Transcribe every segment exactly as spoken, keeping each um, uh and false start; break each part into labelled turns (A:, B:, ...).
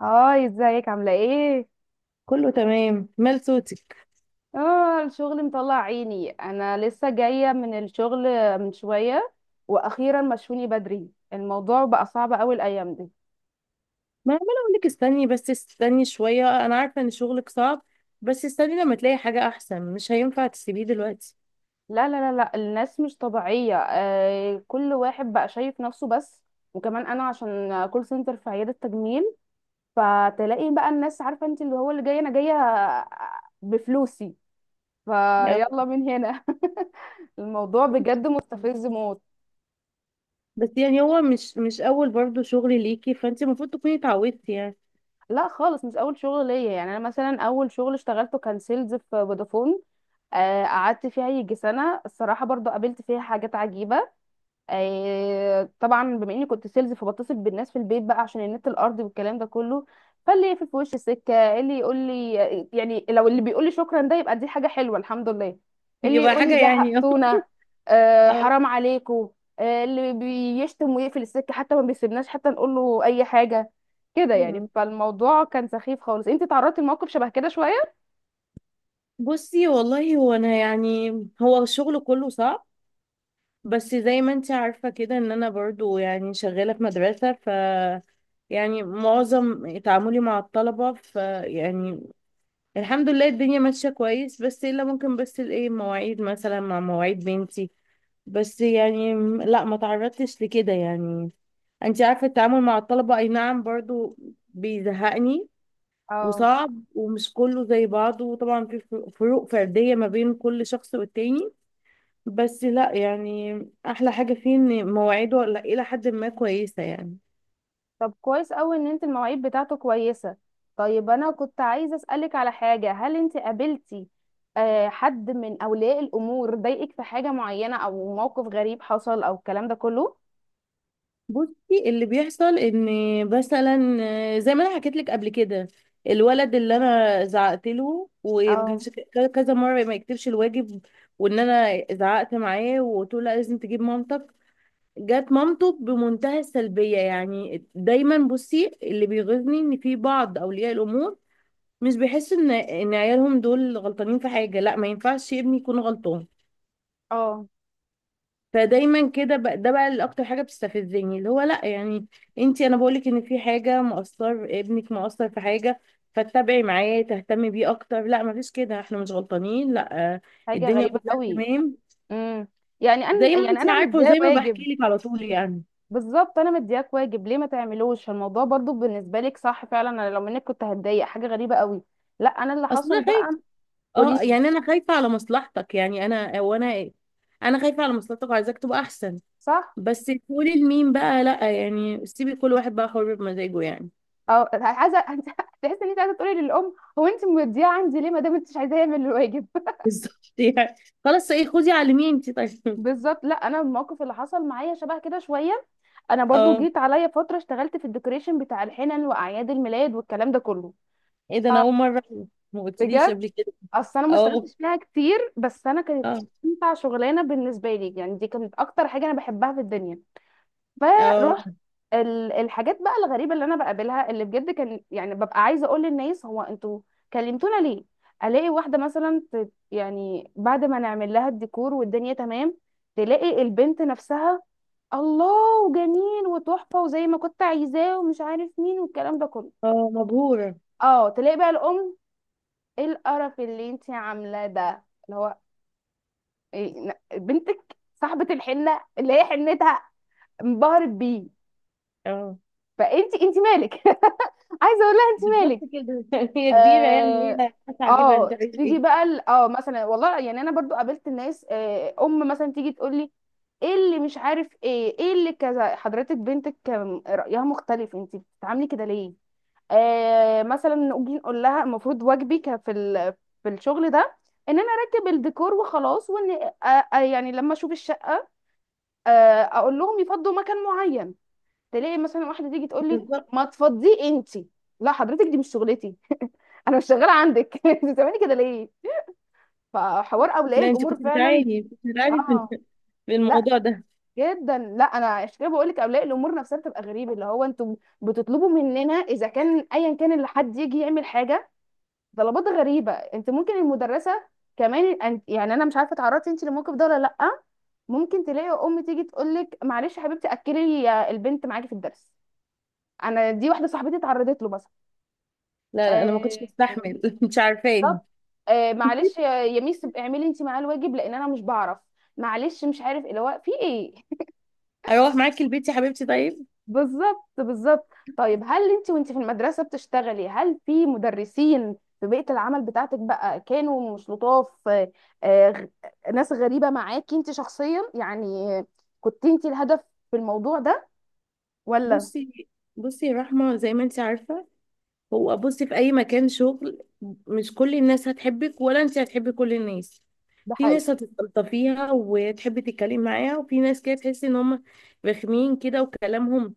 A: هاي، ازيك؟ عاملة ايه؟
B: كله تمام. مال صوتك؟
A: اه، الشغل مطلع عيني. انا لسه جاية من الشغل من شوية. واخيرا مشوني بدري. الموضوع بقى صعب اوي الايام دي.
B: ما عماله اقول لك استني، بس استني شويه. انا عارفه ان شغلك صعب، بس استني لما تلاقي حاجه احسن، مش هينفع تسيبيه دلوقتي.
A: لا لا لا لا الناس مش طبيعية. آه، كل واحد بقى شايف نفسه بس. وكمان انا عشان كول سنتر في عيادة تجميل، فتلاقي بقى الناس عارفة انت اللي هو اللي جاي. انا جاية بفلوسي
B: آه،
A: فيلا من هنا. الموضوع بجد مستفز موت.
B: بس يعني هو مش مش اول برضو شغل ليكي، فانت المفروض تكوني اتعودتي يعني.
A: لا خالص، مش اول شغل ليا. يعني انا مثلا اول شغل اشتغلته كان سيلز في فودافون. آه، قعدت فيها يجي سنه، الصراحه برضو قابلت فيها حاجات عجيبه. آه، طبعا بما اني كنت سيلز، فبتصل بالناس في البيت بقى عشان النت الارضي والكلام ده كله. فاللي يقفل في وش السكه، اللي يقول لي، يعني لو اللي بيقول لي شكرا، ده يبقى دي حاجه حلوه الحمد لله. اللي
B: يبقى
A: يقول
B: حاجه
A: لي
B: يعني.
A: زهقتونا، آه،
B: اه.
A: حرام عليكم. آه، اللي بيشتم ويقفل السكه، حتى ما بيسيبناش حتى نقول له اي حاجه، كده يعني.
B: مم.
A: فالموضوع كان سخيف خالص. انت تعرضتي لموقف شبه كده شويه؟
B: بصي والله، هو انا يعني، هو الشغل كله صعب. بس زي ما انت عارفه كده، ان انا برضو يعني شغاله في مدرسه، ف يعني معظم تعاملي مع الطلبة، فيعني الحمد لله الدنيا ماشية كويس. بس الا ممكن، بس الايه، مواعيد مثلا مع مواعيد بنتي. بس يعني م- لا، ما تعرضتش لكده يعني. انت عارفة، التعامل مع الطلبة، اي نعم، برضو بيزهقني
A: اه.
B: وصعب ومش كله زي بعضه. وطبعا في فر- فروق فردية ما بين كل شخص والتاني. بس لا يعني، احلى حاجة فيه ان مواعيده لا، الى حد ما كويسة يعني.
A: طب كويس قوي ان انت المواعيد بتاعته كويسة. طيب انا كنت عايزة اسألك على حاجة، هل انت قابلتي آه، حد من اولياء الامور ضايقك في حاجة معينة، او موقف غريب حصل، او الكلام ده كله؟
B: بصي اللي بيحصل ان مثلا، زي ما انا حكيت لك قبل كده، الولد اللي انا زعقت له وما
A: اه.
B: كانش ك- كذا مره ما يكتبش الواجب. وان انا زعقت معاه وقلت له لا، لازم تجيب مامتك. جت مامته بمنتهى السلبيه يعني. دايما بصي اللي بيغيظني ان في بعض اولياء الامور مش بيحسوا ان ان عيالهم دول غلطانين في حاجه. لا، ما ينفعش ابني يكون غلطان.
A: اه،
B: فدايما كده بقى، ده بقى اللي اكتر حاجه بتستفزني، اللي هو لا يعني، انت، انا بقولك ان في حاجه، مقصر، ابنك مقصر في حاجه، فتتابعي معاه، تهتمي بيه اكتر. لا، مفيش كده، احنا مش غلطانين. لا. آه،
A: حاجة
B: الدنيا
A: غريبة
B: كلها
A: قوي.
B: تمام.
A: امم يعني انا
B: زي ما
A: يعني
B: انت
A: انا
B: عارفه
A: مدياه
B: وزي ما بحكي
A: واجب.
B: لك على طول يعني.
A: بالظبط، انا مدياك واجب، ليه ما تعملوش؟ الموضوع برضو بالنسبة لك صح. فعلا انا لو منك كنت هتضايق. حاجة غريبة قوي. لا انا اللي
B: اصل
A: حصل
B: انا خايفه.
A: بقى،
B: اه
A: قوليلي.
B: يعني انا خايفه على مصلحتك يعني، انا وانا ايه، انا خايفه على مصلحتك وعايزاك تبقى احسن.
A: صح.
B: بس تقولي لمين بقى؟ لا يعني، سيبي كل واحد بقى حر بمزاجه يعني.
A: اه، عايزه تحس ان انت عايزه تقولي للام، هو انت موديها عندي ليه ما دام انت مش عايزاه يعمل الواجب؟
B: بالظبط يعني. خلاص، ايه، خدي علميه انت، طيب.
A: بالظبط. لا انا الموقف اللي حصل معايا شبه كده شويه. انا برضو
B: اه،
A: جيت عليا فتره اشتغلت في الديكوريشن بتاع الحنن واعياد الميلاد والكلام ده كله.
B: ايه ده، انا
A: اه
B: اول مره أعرف. ما قلتليش
A: بجد.
B: قبل كده.
A: اصل انا ما
B: اه.
A: اشتغلتش فيها كتير، بس انا كانت
B: اه.
A: امتع شغلانه بالنسبه لي. يعني دي كانت اكتر حاجه انا بحبها في الدنيا.
B: اه.
A: فروحت. ال- الحاجات بقى الغريبه اللي انا بقابلها، اللي بجد كان يعني ببقى عايزه اقول للناس، هو انتوا كلمتونا ليه؟ الاقي واحده مثلا ت- يعني بعد ما نعمل لها الديكور والدنيا تمام، تلاقي البنت نفسها الله، وجميل وتحفه وزي ما كنت عايزاه ومش عارف مين والكلام ده كله.
B: اه، مبهوره.
A: اه. تلاقي بقى الام، ايه القرف اللي انت عاملاه ده؟ اللي هو، إيه ن- بنتك صاحبه الحنه اللي هي حنتها، انبهرت بيه،
B: اه.
A: فانت انت مالك؟ عايزه اقول لها انت
B: بالظبط
A: مالك.
B: كده. هي كبيره يعني،
A: اه.
B: هي هتعجبها، جيبها انت،
A: اه
B: عايزه
A: تيجي
B: ايه.
A: بقى ال- اه مثلا والله، يعني انا برضو قابلت الناس. آه ام مثلا تيجي تقول لي ايه اللي مش عارف ايه، ايه اللي كذا، حضرتك بنتك كان رايها مختلف، انت بتتعاملي كده ليه؟ آه مثلا نيجي نقول لها المفروض واجبي ك- في ال- في الشغل ده ان انا اركب الديكور وخلاص، وان آه آه يعني لما اشوف الشقه، آه اقول لهم يفضوا مكان معين. تلاقي مثلا واحده تيجي تقول لي،
B: بالظبط.
A: ما تفضيه انت. لا حضرتك، دي مش شغلتي. انا مش شغاله عندك. انت بتعملي كده ليه؟ فحوار اولياء
B: لا، انت
A: الامور
B: كنت
A: فعلا.
B: بتعاني كنت بتعاني في
A: اه.
B: في
A: لا
B: الموضوع ده.
A: جدا، لا. انا عشان كده بقول لك اولياء الامور نفسها بتبقى غريبه. اللي هو انتوا بتطلبوا مننا، اذا كان ايا كان اللي حد يجي يعمل حاجه، طلبات غريبه. انت ممكن المدرسه كمان، أنت- يعني انا مش عارفه اتعرضتي انت للموقف ده ولا لا. ممكن تلاقي ام تيجي تقول لك، معلش يا حبيبتي اكلي البنت معاكي في الدرس. انا دي واحده صاحبتي اتعرضت له مثلا.
B: لا. لا، انا ما كنتش
A: آه.
B: بستحمل. مش
A: طب،
B: عارفاني.
A: آه معلش يا يا ميس اعملي انت معاه الواجب لان انا مش بعرف، معلش مش عارف اللي هو في ايه.
B: اروح معاكي البيت يا حبيبتي، طيب.
A: بالظبط بالظبط. طيب، هل انت وانت في المدرسه بتشتغلي، هل في مدرسين في بيئه العمل بتاعتك بقى كانوا مش لطاف؟ آه آه، غ- ناس غريبه معاكي انت شخصيا يعني؟ آه، كنت انت الهدف في الموضوع ده ولا؟
B: بصي، بصي يا رحمه، زي ما انت عارفه، هو بصي، في اي مكان شغل، مش كل الناس هتحبك ولا انت هتحبي كل الناس.
A: ده
B: في
A: حقيقي.
B: ناس هتستلطفيها وتحبي تتكلمي معاها، وفي ناس كده تحسي ان هم رخمين كده، وكلامهم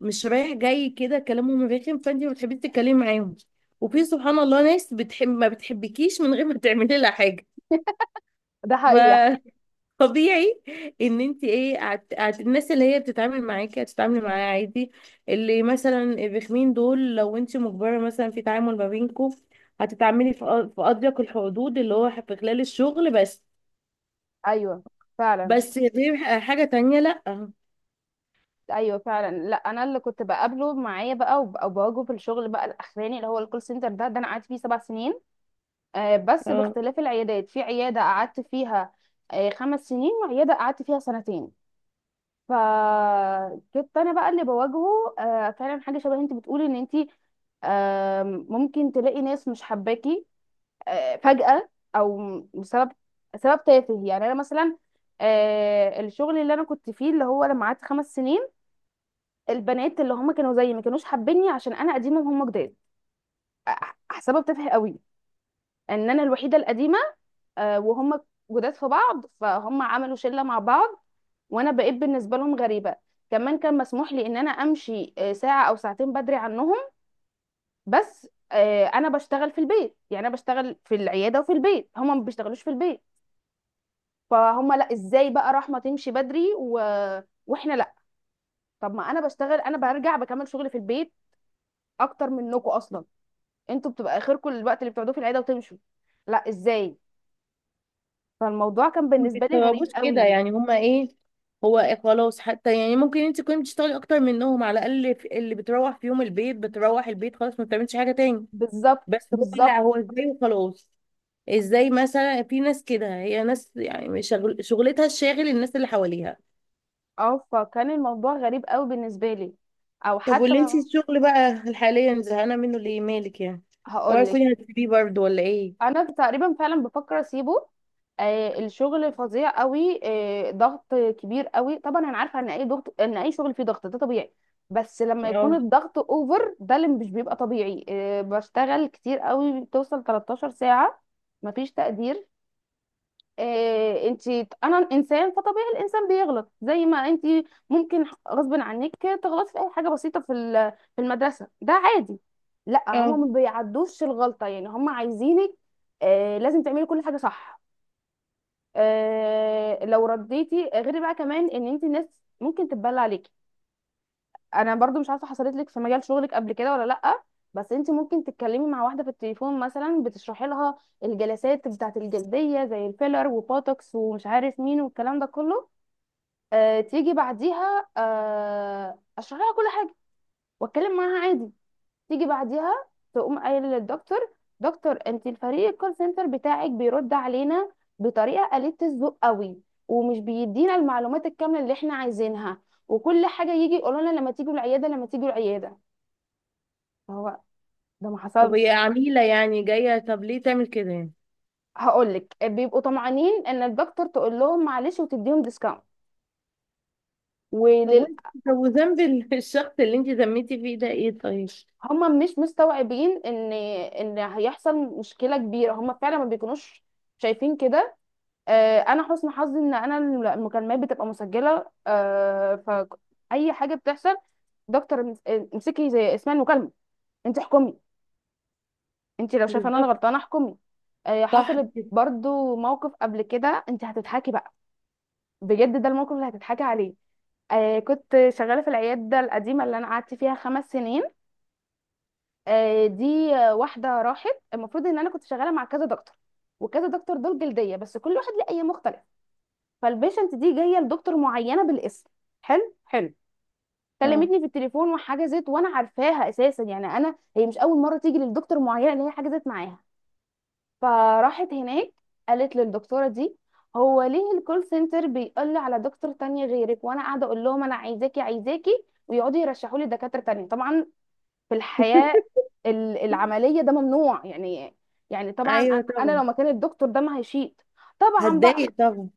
B: مش رايح جاي كده، كلامهم رخم، فانت ما بتحبيش تتكلمي معاهم. وفي سبحان الله ناس بتحب، ما بتحبكيش من غير ما تعملي لها حاجه.
A: ده حقيقي.
B: فطبيعي ان انت، ايه، عت... عت... الناس اللي هي بتتعامل معاكي هتتعاملي معاها عادي. اللي مثلا الرخمين دول، لو انت مجبره مثلا في تعامل ما بينكم، هتتعاملي في أ- في اضيق الحدود، اللي هو في خلال الشغل بس.
A: ايوه فعلا.
B: بس دي ح- حاجة تانية، لأ.
A: ايوه فعلا. لا انا اللي كنت بقابله معايا بقى وب- وبواجهه في الشغل بقى الاخراني، اللي هو الكول سنتر ده، ده انا قعدت فيه سبع سنين. آه، بس
B: اه.
A: باختلاف العيادات. في عياده قعدت فيها آه، خمس سنين، وعياده قعدت فيها سنتين. فكنت انا بقى اللي بواجهه. آه، فعلا حاجه شبه انت بتقولي ان انت، آم، ممكن تلاقي ناس مش حباكي آه، فجأة، او بسبب سبب تافه. يعني انا مثلا آه، الشغل اللي انا كنت فيه، اللي هو لما قعدت خمس سنين، البنات اللي هم كانوا زيي ما كانوش حابيني عشان انا قديمه وهم جداد. احسبها بتافه قوي، ان انا الوحيده القديمه آه، وهم جداد في بعض. فهم عملوا شله مع بعض وانا بقيت بالنسبه لهم غريبه. كمان كان مسموح لي ان انا امشي آه، ساعه او ساعتين بدري عنهم، بس آه، انا بشتغل في البيت. يعني انا بشتغل في العياده وفي البيت، هم ما بيشتغلوش في البيت. فهم لا، ازاي بقى رحمه تمشي بدري و... واحنا لا؟ طب ما انا بشتغل، انا برجع بكمل شغلي في البيت اكتر منكم اصلا. انتوا بتبقى اخركم الوقت اللي بتقعدوه في العياده وتمشوا. لا، ازاي؟ فالموضوع كان
B: ما
A: بالنسبه لي غريب
B: بيستوعبوش كده
A: قوي.
B: يعني، هما ايه، هو إيه، خلاص. حتى يعني ممكن انت تكوني بتشتغلي اكتر منهم، على الاقل في- اللي بتروح في يوم البيت بتروح البيت خلاص، ما بتعملش حاجة تاني.
A: بالظبط
B: بس هو
A: بالظبط.
B: لا، هو ازاي وخلاص، ازاي؟ مثلا في ناس كده، هي ناس يعني شغل شغلتها الشاغل الناس اللي حواليها.
A: اه، فكان الموضوع غريب قوي بالنسبه لي، او
B: طب،
A: حتى
B: واللي انت
A: ما.
B: الشغل بقى حاليا زهقانة منه ليه، مالك يعني؟ اوعي
A: هقول لك،
B: تكوني هتسيبيه برضه ولا ايه؟
A: انا تقريبا فعلا بفكر اسيبه. آه الشغل فظيع قوي. آه، ضغط كبير قوي. طبعا انا عارفه ان اي ضغط، ان اي شغل فيه ضغط، ده طبيعي. بس لما يكون
B: اه.
A: الضغط اوفر، ده اللي مش بيبقى طبيعي. آه بشتغل كتير قوي، بتوصل تلتاشر ساعه. مفيش تقدير. آه انت انا انسان، فطبيعي الانسان بيغلط زي ما انت ممكن غصب عنك تغلطي في اي حاجه بسيطه. في ال- في المدرسه، ده عادي. لا هما
B: اه.
A: ما بيعدوش الغلطه. يعني هما عايزينك آه لازم تعملي كل حاجه صح. آه لو رديتي غير بقى، كمان ان انت الناس ممكن تتبلى عليكي. انا برضو مش عارفه حصلت لك في مجال شغلك قبل كده ولا لا. بس انت ممكن تتكلمي مع واحده في التليفون مثلا، بتشرحي لها الجلسات بتاعه الجلديه زي الفيلر وبوتوكس ومش عارف مين والكلام ده كله. آه تيجي بعديها، آه اشرح لها كل حاجه واتكلم معاها عادي. تيجي بعديها، تقوم قايله للدكتور، دكتور، انت الفريق الكول سنتر بتاعك بيرد علينا بطريقه قليله الذوق قوي، ومش بيدينا المعلومات الكامله اللي احنا عايزينها، وكل حاجه يجي يقولوا لنا لما تيجوا العياده، لما تيجوا العياده. هو ده ما
B: طب هي
A: حصلش.
B: عميلة يعني جاية، طب ليه تعمل كده يعني؟
A: هقولك، بيبقوا طمعانين ان الدكتور تقول لهم معلش وتديهم ديسكاونت.
B: طب
A: ولل...
B: وانت، طب وذنب ال- الشخص اللي انت ذميتي فيه ده ايه، طيب؟
A: هم مش مستوعبين ان ان هيحصل مشكله كبيره. هم فعلا ما بيكونوش شايفين كده. آه، انا حسن حظي ان انا المكالمات بتبقى مسجله. آه فاي حاجه بتحصل، دكتور، امس- امسكي زي اسمها المكالمه، انت احكمي. انت لو شايفه ان انا
B: بالظبط.
A: غلطانه احكمي. آه،
B: صح
A: حصل
B: كده.
A: برضو موقف قبل كده انت هتضحكي بقى، بجد ده الموقف اللي هتضحكي عليه. آه كنت شغالة في العيادة القديمة اللي أنا قعدت فيها خمس سنين. آه دي آه، واحدة راحت. المفروض إن أنا كنت شغالة مع كذا دكتور، وكذا دكتور دول جلدية، بس كل واحد ليه أي مختلف. فالبيشنت دي جاية لدكتور معينة بالاسم. حلو حلو.
B: اه.
A: كلمتني في التليفون وحجزت، وأنا عارفاها أساسا. يعني أنا، هي مش أول مرة تيجي للدكتور معينة اللي هي حجزت معاها. فراحت هناك، قالت للدكتوره دي، هو ليه الكول سنتر بيقول لي على دكتور تانية غيرك، وانا قاعده اقول لهم انا عايزاكي عايزاكي، ويقعدوا يرشحوا لي دكاتره تانية؟ طبعا في الحياه ال- العمليه ده ممنوع يعني. يعني طبعا
B: ايوه
A: انا أنا لو
B: طبعا.
A: مكان الدكتور ده ما هيشيط. طبعا بقى.
B: هتضايق طبعا.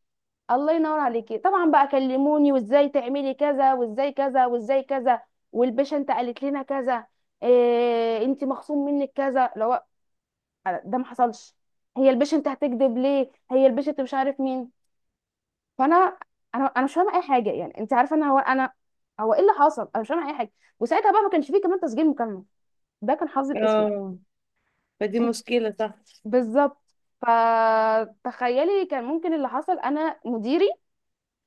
A: الله ينور عليكي. طبعا بقى كلموني، وازاي تعملي كذا، وازاي كذا، وازاي كذا، والبيشنت قالت لنا كذا. إيه، انت مخصوم منك كذا لو. ده ما حصلش. هي البيشنت هتكذب ليه؟ هي البيشنت مش عارف مين. فانا، انا انا مش فاهمه اي حاجه، يعني انت عارفه انا. هو انا هو ايه اللي حصل؟ انا مش فاهمه اي حاجه. وساعتها بقى ما كانش فيه كمان تسجيل مكالمه، ده كان حظي الاسود.
B: اه. فدي
A: انت
B: مشكلة، صح.
A: بالظبط. فتخيلي، كان ممكن اللي حصل. انا مديري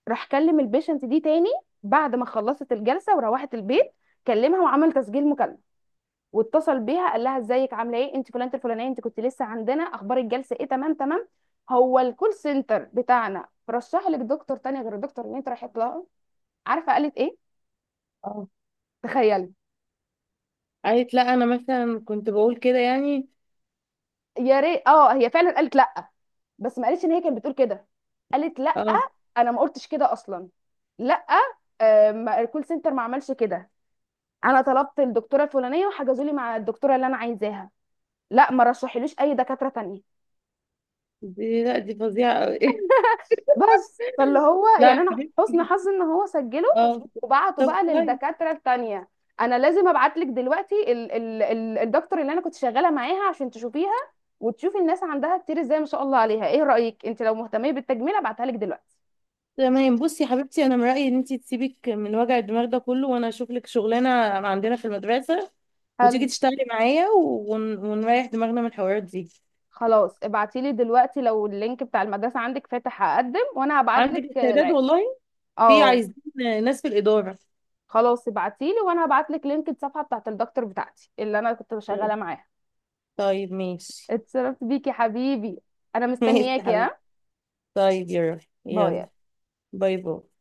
A: راح كلم البيشنت دي تاني بعد ما خلصت الجلسه وروحت البيت، كلمها وعمل تسجيل مكالمه، واتصل بيها قال لها ازيك؟ عامله ايه؟ انت فلانه الفلانيه، انت كنت لسه عندنا، اخبار الجلسه ايه؟ تمام تمام. هو الكول سنتر بتاعنا رشح لك دكتور تاني غير الدكتور اللي انت رايحه لها؟ عارفه قالت ايه؟
B: اه.
A: تخيلي.
B: قالت لا، انا مثلا كنت بقول كده يعني.
A: يا ريت. اه، هي فعلا قالت لا، بس ما قالتش ان هي كانت بتقول كده. قالت لا،
B: اه،
A: انا ما قلتش كده اصلا. لا آه، ما- الكول سنتر ما عملش كده. انا طلبت الدكتوره الفلانيه وحجزوا لي مع الدكتوره اللي انا عايزاها. لا ما رشحليش اي دكاتره تانية.
B: دي لا، دي فظيعة قوي.
A: بس فاللي هو
B: لا
A: يعني
B: يا
A: انا
B: حبيبتي.
A: حسن حظ ان هو سجله،
B: اه.
A: وبعته
B: طب
A: بقى
B: كويس.
A: للدكاتره التانية. انا لازم ابعت لك دلوقتي ال ال ال الدكتور اللي انا كنت شغاله معاها عشان تشوفيها، وتشوفي الناس عندها كتير ازاي ما شاء الله عليها. ايه رايك انت لو مهتمه بالتجميل ابعتها لك دلوقتي؟
B: تمام، بصي يا حبيبتي، انا من رأيي ان انت تسيبك من وجع الدماغ ده كله، وانا اشوف لك شغلانة عندنا في المدرسة، وتيجي
A: حلو.
B: تشتغلي معايا، ون... ونريح دماغنا من الحوارات دي.
A: خلاص ابعتي لي دلوقتي لو اللينك بتاع المدرسه عندك فاتح، هقدم وانا هبعت
B: عندك
A: لك
B: استعداد
A: العقد.
B: والله، في
A: اه
B: عايزين ناس في الإدارة.
A: خلاص ابعتي لي، وانا هبعت لك لينك الصفحه بتاعت الدكتور بتاعتي اللي انا كنت شغاله
B: طيب.
A: معاها.
B: طيب، ماشي.
A: اتشرفت بيكي حبيبي. انا
B: ماشي يا
A: مستنياكي،
B: حبيبي.
A: ها.
B: طيب يا روحي. يلا.
A: باي.
B: باي. باي.